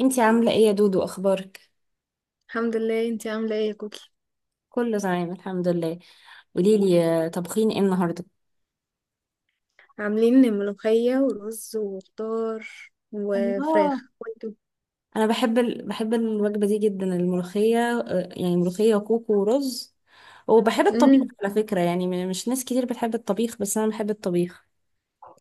انتي عاملة ايه يا دودو، اخبارك؟ الحمد لله. انتي عاملة ايه يا كوكي؟ كله تمام الحمد لله. قوليلي طبخين ايه النهاردة؟ عاملين ملوخية ورز وخضار الله. وفراخ. وانتوا؟ انا بحب بحب الوجبة دي جدا، الملوخية، يعني ملوخية وكوكو ورز. وبحب الطبيخ امم على فكرة، يعني مش ناس كتير بتحب الطبيخ، بس انا بحب الطبيخ.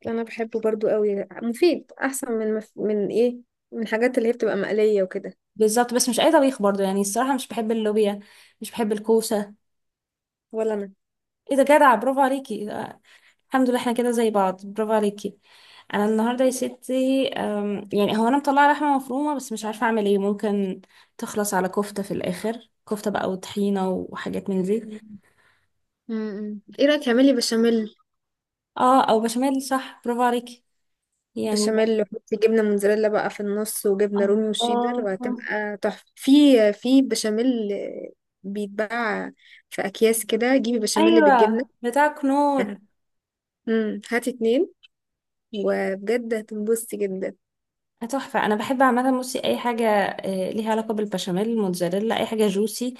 انا بحبه برضو قوي، مفيد احسن من مف... من ايه من الحاجات اللي هي بتبقى مقلية وكده. بالظبط، بس مش اي طبيخ برضو، يعني الصراحة مش بحب اللوبيا. مش بحب الكوسة. ولا انا. ايه ده، جدع، برافو عليكي. الحمد لله، احنا كده زي بعض، برافو عليكي. انا النهارده يا ستي، يعني هو انا مطلعه لحمه مفرومه، بس مش عارفه اعمل ايه. ممكن تخلص على كفته في الاخر، كفته بقى وطحينه وحاجات من دي. ايه رأيك اعملي بشاميل؟ اه، او بشاميل، صح، برافو عليكي. يعني. بشاميل، وحطي جبنة موتزاريلا بقى في النص وجبنة رومي وشيدر، الله. وهتبقى تحفة. في بشاميل بيتباع في اكياس كده، جيبي بشاميل بالجبنة. ايوه بتاعك نور. هاتي اتنين وبجد هتنبسطي جدا. تحفه. انا بحب عامه، بصي، اي حاجه ليها علاقه بالبشاميل، موتزاريلا، اي حاجه جوسي،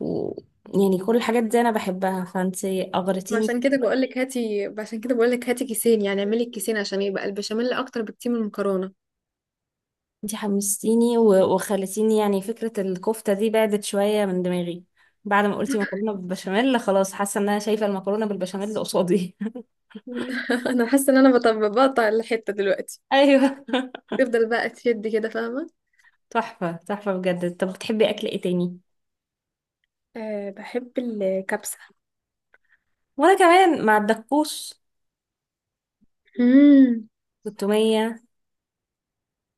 و... يعني كل الحاجات دي انا بحبها، فانتي ما اغرتيني. عشان كده بقولك هاتي، عشان كده بقولك هاتي كيسين، يعني اعملي الكيسين عشان يبقى البشاميل اكتر بكتير من المكرونه. انتي حمستيني و- وخلتيني، يعني فكرة الكفتة دي بعدت شوية من دماغي. بعد ما قلتي مكرونة بالبشاميل، خلاص، حاسة ان انا شايفة المكرونة بالبشاميل قصادي. انا حاسه ان انا بطبق، بقطع الحته دلوقتي، ايوه. تفضل بقى تشد كده، فاهمه. تحفة تحفة بجد. طب بتحبي اكل ايه تاني؟ أه، بحب الكبسة. وانا كمان مع الدكوس، امم والتومية.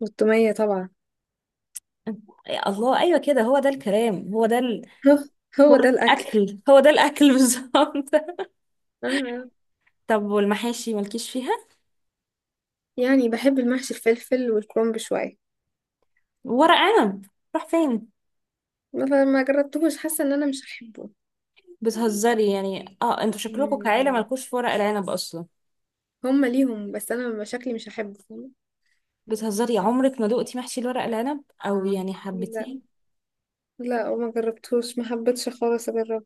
والتومية طبعا. يا الله، ايوه كده، هو ده الكلام، هو ده هو، هو ده الأكل. الاكل، هو ده الاكل بالظبط. آه. طب والمحاشي مالكيش فيها؟ يعني بحب المحشي الفلفل والكرنب شويه. ورق عنب. راح فين؟ ما جربتهوش، حاسه ان انا مش هحبه. بتهزري يعني، اه، انتوا شكلكم كعيلة مم. مالكوش في ورق العنب اصلا. هما ليهم، بس انا شكلي مش هحبه. بتهزري؟ عمرك ما دقتي محشي الورق العنب، او يعني فاهمه. حبتين؟ لا، وما جربتوش، ما حبيتش خالص اجرب.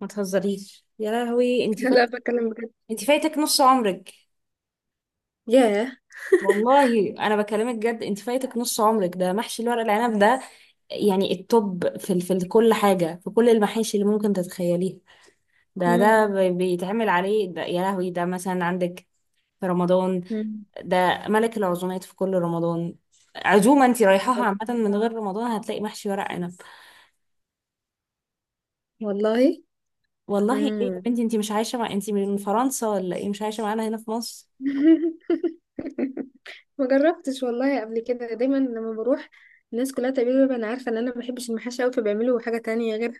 ما تهزريش يا لهوي، انت فايت. لا، بتكلم بجد. انت فايتك نص عمرك. ياه. والله انا بكلمك جد، انت فايتك نص عمرك، ده محشي الورق العنب ده. يعني التوب، في كل حاجه، في كل المحاشي اللي ممكن تتخيليها، مم. بيتعمل عليه. ده يا لهوي، ده مثلا عندك في رمضان، مم. ده ملك العزومات في كل رمضان. عزومه انت رايحاها عامه، من غير رمضان، هتلاقي محشي ورق عنب. والله. والله ايه يا مم. بنتي، انتي مش عايشة، انتي من فرنسا ولا ايه، مش عايشة معانا هنا في مصر؟ ما جربتش والله قبل كده. دايما لما بروح، الناس كلها تقريبا انا عارفه ان انا ما بحبش المحاشي قوي، فبيعملوا حاجه تانية غيرها.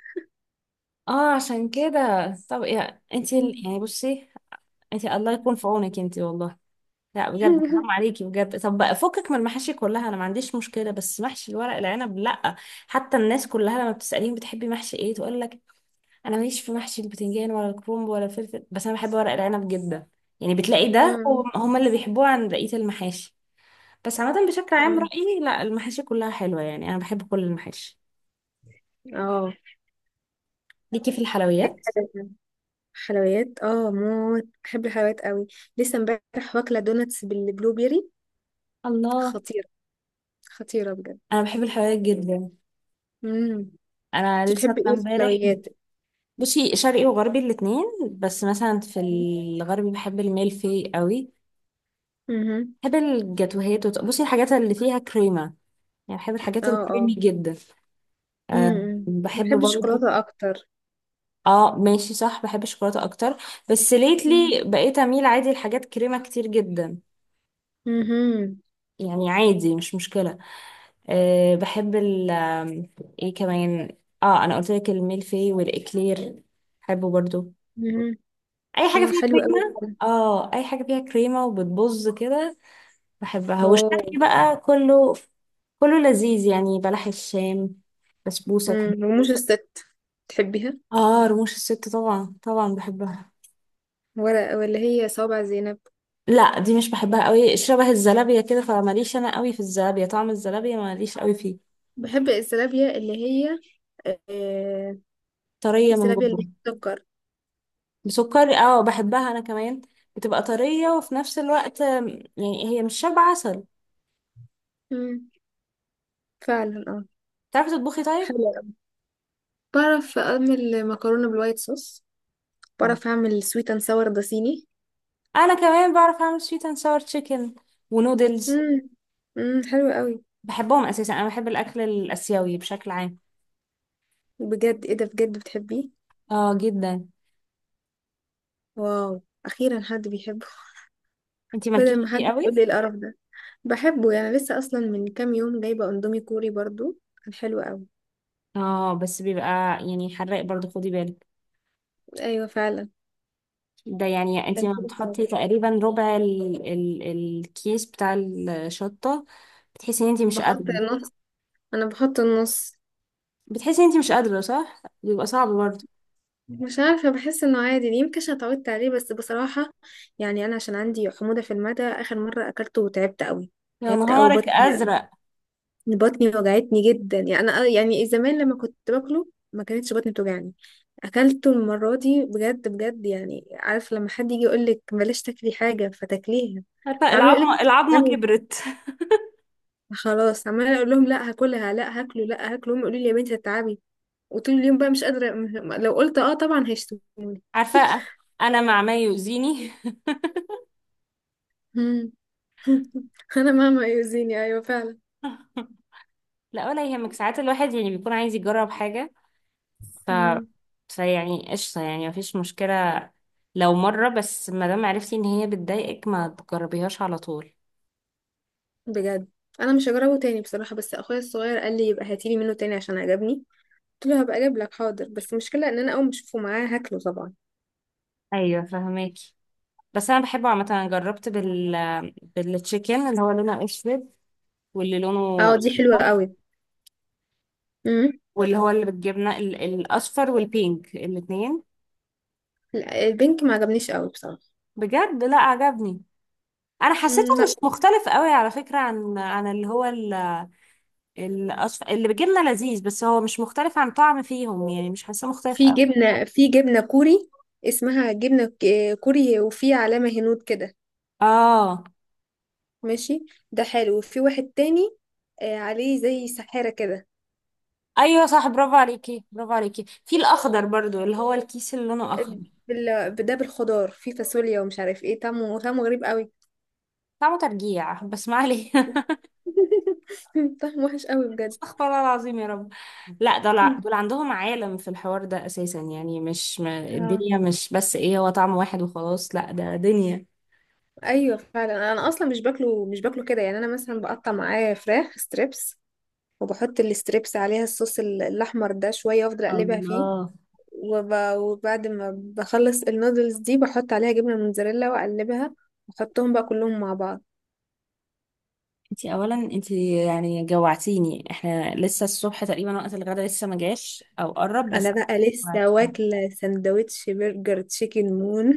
اه عشان كده. طب يا انتي مم. يعني بصي، انتي الله يكون في عونك انتي والله. لا بجد، حرام عليكي بجد. طب بقى فكك من المحاشي كلها، انا ما عنديش مشكلة، بس محشي الورق العنب لا. حتى الناس كلها لما بتسأليهم بتحبي محشي ايه تقول لك انا ماليش في محشي البتنجان ولا الكرنب ولا الفلفل، بس انا بحب ورق العنب جدا. يعني بتلاقي ده مم. هم هم اللي بيحبوه عن بقية المحاشي. بس عامة، بشكل عام مم. رأيي لا، المحاشي كلها حلوة، يعني أنا بحب كل المحاشي. اه. ليكي في الحلويات؟ حلويات. حلويات. اه، موت بحب الحلويات قوي. لسه امبارح واكله دوناتس بالبلو بيري. الله. خطيره، خطيره بجد. انا بحب الحلويات جدا. مم. انت انا لسه بتحبي أكلة ايه في امبارح. الحلويات؟ بصي شرقي وغربي الاتنين. بس مثلا في الغربي بحب الميلفي قوي. مهم. بحب الجاتوهات، بصي الحاجات اللي فيها كريمه، يعني بحب اه، الحاجات الكريمي اه. جدا. أه مم. بحب بحب برضه. الشوكولاتة أكتر. اه ماشي، صح، بحب الشوكولاته اكتر. بس مم. ليتلي بقيت اميل عادي لحاجات كريمه كتير جدا، مهم. يعني عادي مش مشكلة. أه بحب ال آم، ايه كمان، اه انا قلت لك الميلفي والاكلير، بحبه برضو. مهم. اي حاجة اه، فيها حلوة أوي كريمة، فعلا. اه اي حاجة فيها كريمة وبتبظ كده، بحبها. والشرقي اه. بقى كله، كله لذيذ، يعني بلح الشام، بسبوسة. مم. وموز الست، تحبيها؟ اه رموش الست طبعا طبعا بحبها. ولا ولا هي صوابع زينب؟ لا دي مش بحبها قوي، شبه الزلابية كده، فماليش انا قوي في الزلابية، طعم الزلابية ماليش قوي فيه. بحب الزلابية اللي هي، آه، طرية من الزلابية اللي جوه. هي بتسكر. بسكري، اه بحبها انا كمان. بتبقى طرية وفي نفس الوقت، يعني هي مش شبه عسل. مم. فعلا، اه. تعرفي تطبخي طيب؟ حلوة أوي. بعرف أعمل مكرونة بالوايت صوص، مم. بعرف أعمل سويت أند ساور، ده صيني. انا كمان بعرف اعمل سويت اند ساور تشيكن ونودلز. مم. مم. حلوة أوي. بحبهم اساسا، انا بحب الاكل الاسيوي بشكل عام. بجد؟ ايه ده، بجد بتحبيه؟ اه جدا. واو، أخيرا حد بيحب، انتي بدل ما مالكيش فيه حد قوي. يقول لي القرف ده. بحبه يعني، لسه اصلا من كام يوم جايبه اندومي كوري برضو، كان حلو قوي. اه بس بيبقى، يعني حراق برضو، خدي بالك. ايوه فعلا، ده يعني انتي كان ما حلو قوي. بتحطي تقريبا ربع ال ال الكيس بتاع الشطة، بتحسي ان انتي مش بحط قادرة. النص، انا بحط النص. بتحسي ان انتي مش قادرة، صح بيبقى صعب برضو. مش عارفه، بحس انه عادي، يمكن عشان اتعودت عليه، بس بصراحه يعني انا عشان عندي حموضه في المعده، اخر مره اكلته وتعبت قوي. يا تعبت قوي، نهارك بطني، ازرق. بطني وجعتني جدا. يعني انا يعني زمان لما كنت باكله ما كانتش بطني بتوجعني. اكلته المره دي بجد بجد، يعني عارف لما حد يجي يقول لك بلاش تاكلي حاجه فتاكليها. عارفه عمال يقول العظمه، لك، العظمه كبرت. خلاص، عمال اقول لهم لا هاكلها، لا هاكله لا هاكله. هم يقولوا لي يا بنتي هتتعبي، وطول اليوم بقى مش قادره. لو قلت اه طبعا هيشتموني. عارفه. انا مع ما يؤذيني. مم. انا ماما يؤذيني، ايوه فعلا. لا ولا يهمك، ساعات الواحد يعني بيكون عايز يجرب حاجه، ف مم. فيعني قشطه، يعني مفيش مشكله لو مره بس. ما دام عرفتي ان هي بتضايقك، ما تجربيهاش على طول. بجد انا مش هجربه تاني بصراحه، بس اخويا الصغير قال لي يبقى هاتيلي منه تاني عشان عجبني، قلت له هبقى اجيب لك حاضر، بس المشكله ان انا اول ما اشوفه معاه هاكله طبعا. ايوه، فهماكي. بس انا بحبه عامه. انا جربت بالتشيكن اللي هو لونه اسود، واللي اه، لونه دي حلوه قوي. امم واللي هو اللي بالجبنه، الاصفر والبينك الاثنين. لا، البنك ما عجبنيش قوي بصراحه. بجد لا عجبني. انا مم، حسيته لا. مش مختلف قوي على فكرة، عن اللي هو اللي بجبنة، لذيذ، بس هو مش مختلف عن طعم فيهم، يعني مش حاساه مختلف في قوي. جبنه في جبنه كوري، اسمها جبنه كوري، وفي علامه هنود كده، اه ماشي. ده حلو. وفي واحد تاني عليه زي سحاره كده. ايوه صح، برافو عليكي برافو عليكي، في الاخضر برضو اللي هو الكيس اللي لونه اخضر. ده بالخضار، في فاصوليا ومش عارف ايه، طعمه، طعمه غريب قوي. طعمه ترجيع بس ما عليه. طعمه وحش قوي بجد. استغفر الله العظيم يا رب. لا دول مم. عندهم عالم في الحوار ده اساسا، يعني مش ما... اه. الدنيا مش بس ايه، هو طعم واحد وخلاص، لا ده دنيا. ايوه فعلا. انا اصلا مش باكله، مش باكله كده، يعني انا مثلا بقطع معاه فراخ ستريبس، وبحط الستريبس عليها الصوص الاحمر ده شويه، وافضل اقلبها فيه. الله. وب... وبعد ما بخلص النودلز دي بحط عليها جبنه موتزاريلا واقلبها، واحطهم بقى كلهم مع بعض. انتي اولا، انتي يعني جوعتيني، احنا لسه الصبح تقريبا، وقت الغدا لسه ما جاش او قرب انا بس. بقى لسه جوعتيني. واكله سندوتش برجر تشيكن مون.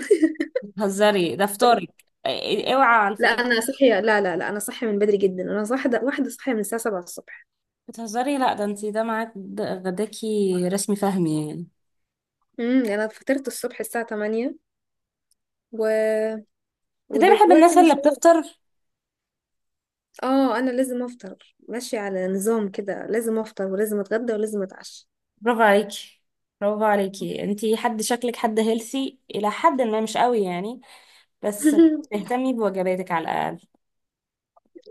بتهزري، ده فطارك إيه، اوعى على لا، الفطار. انا صحيه، لا لا لا، انا صحيه من بدري جدا، انا واحده واحده صحيه من الساعه 7 الصبح. بتهزري، لا ده انتي ده معاك، ده غداكي رسمي فهمي يعني. انا فطرت الصبح الساعه 8 و... ده بحب ودلوقتي الناس من اللي شويه. بتفطر. اه، انا لازم افطر، ماشية على نظام كده، لازم افطر ولازم اتغدى ولازم اتعشى. برافو عليكي برافو عليكي، انتي حد شكلك حد هيلثي الى حد ما، مش قوي يعني، بس تهتمي بوجباتك على الاقل.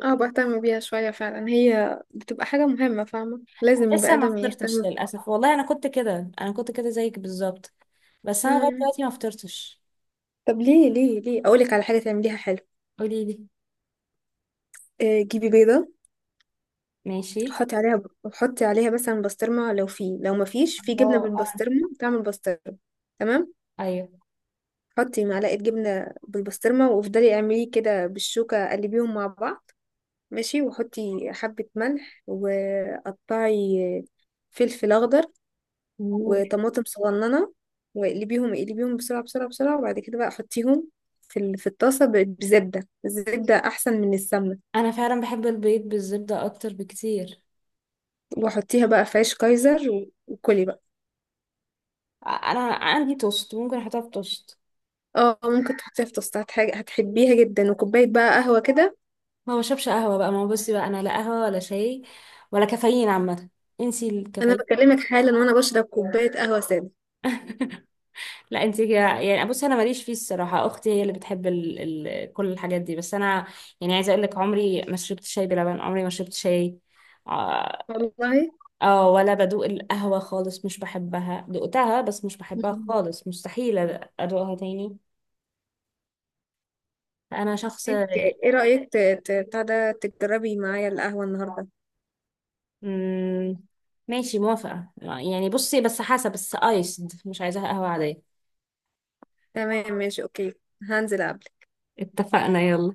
اه، بهتم بيها شوية فعلا، هي بتبقى حاجة مهمة، فاهمة، لازم البني لسه ما آدم فطرتش يهتم. للاسف، والله انا كنت كده زيك بالظبط، بس انا لغايه مم. دلوقتي ما فطرتش. طب ليه؟ ليه، ليه اقولك على حاجة تعمليها حلو؟ قولي لي. جيبي بيضة، ماشي. حطي عليها، حطي عليها مثلا بسطرمة، لو في، لو ما فيش في جبنة الله آه. بالبسطرمة تعمل بسطرمة. تمام، ايوه. حطي معلقة جبنة بالبسطرمة، وافضلي اعمليه كده بالشوكة، قلبيهم مع بعض، ماشي، وحطي حبة ملح، وقطعي فلفل أخضر مم. وطماطم صغننة، واقلبيهم، اقلبيهم بسرعة بسرعة بسرعة، وبعد كده بقى حطيهم في الطاسة بزبدة، الزبدة أحسن من السمنة، انا فعلا بحب البيض بالزبده اكتر بكتير. وحطيها بقى في عيش كايزر وكلي بقى. انا عندي توست، ممكن احطها في توست. اه، ممكن تحطيها في توستات، حاجة هتحبيها جدا، وكوباية بقى قهوة كده. ما بشربش قهوه بقى، ما هو بصي بقى، انا لا قهوه ولا شاي، ولا كافيين عامه. انسي أنا الكافيين. بكلمك حالا وأنا بشرب كوباية قهوة سادة. لا انت كده، يعني بصي انا ماليش فيه الصراحه، اختي هي اللي بتحب كل الحاجات دي، بس انا يعني عايزه اقول لك عمري ما شربت شاي بلبن، عمري ما شربت شاي، آه، والله؟ اه ولا بدوق القهوة خالص، مش بحبها، دقتها بس مش بحبها خالص، مستحيل أدوقها تاني. أنا شخص ايه رأيك بتاع ده، تجربي معايا القهوة النهاردة؟ مم... ماشي، موافقة، يعني بصي، بس حسب، بس آيسد، مش عايزاها قهوة عادية. تمام، ماشي، اوكي. هنزل ألعب. اتفقنا، يلا.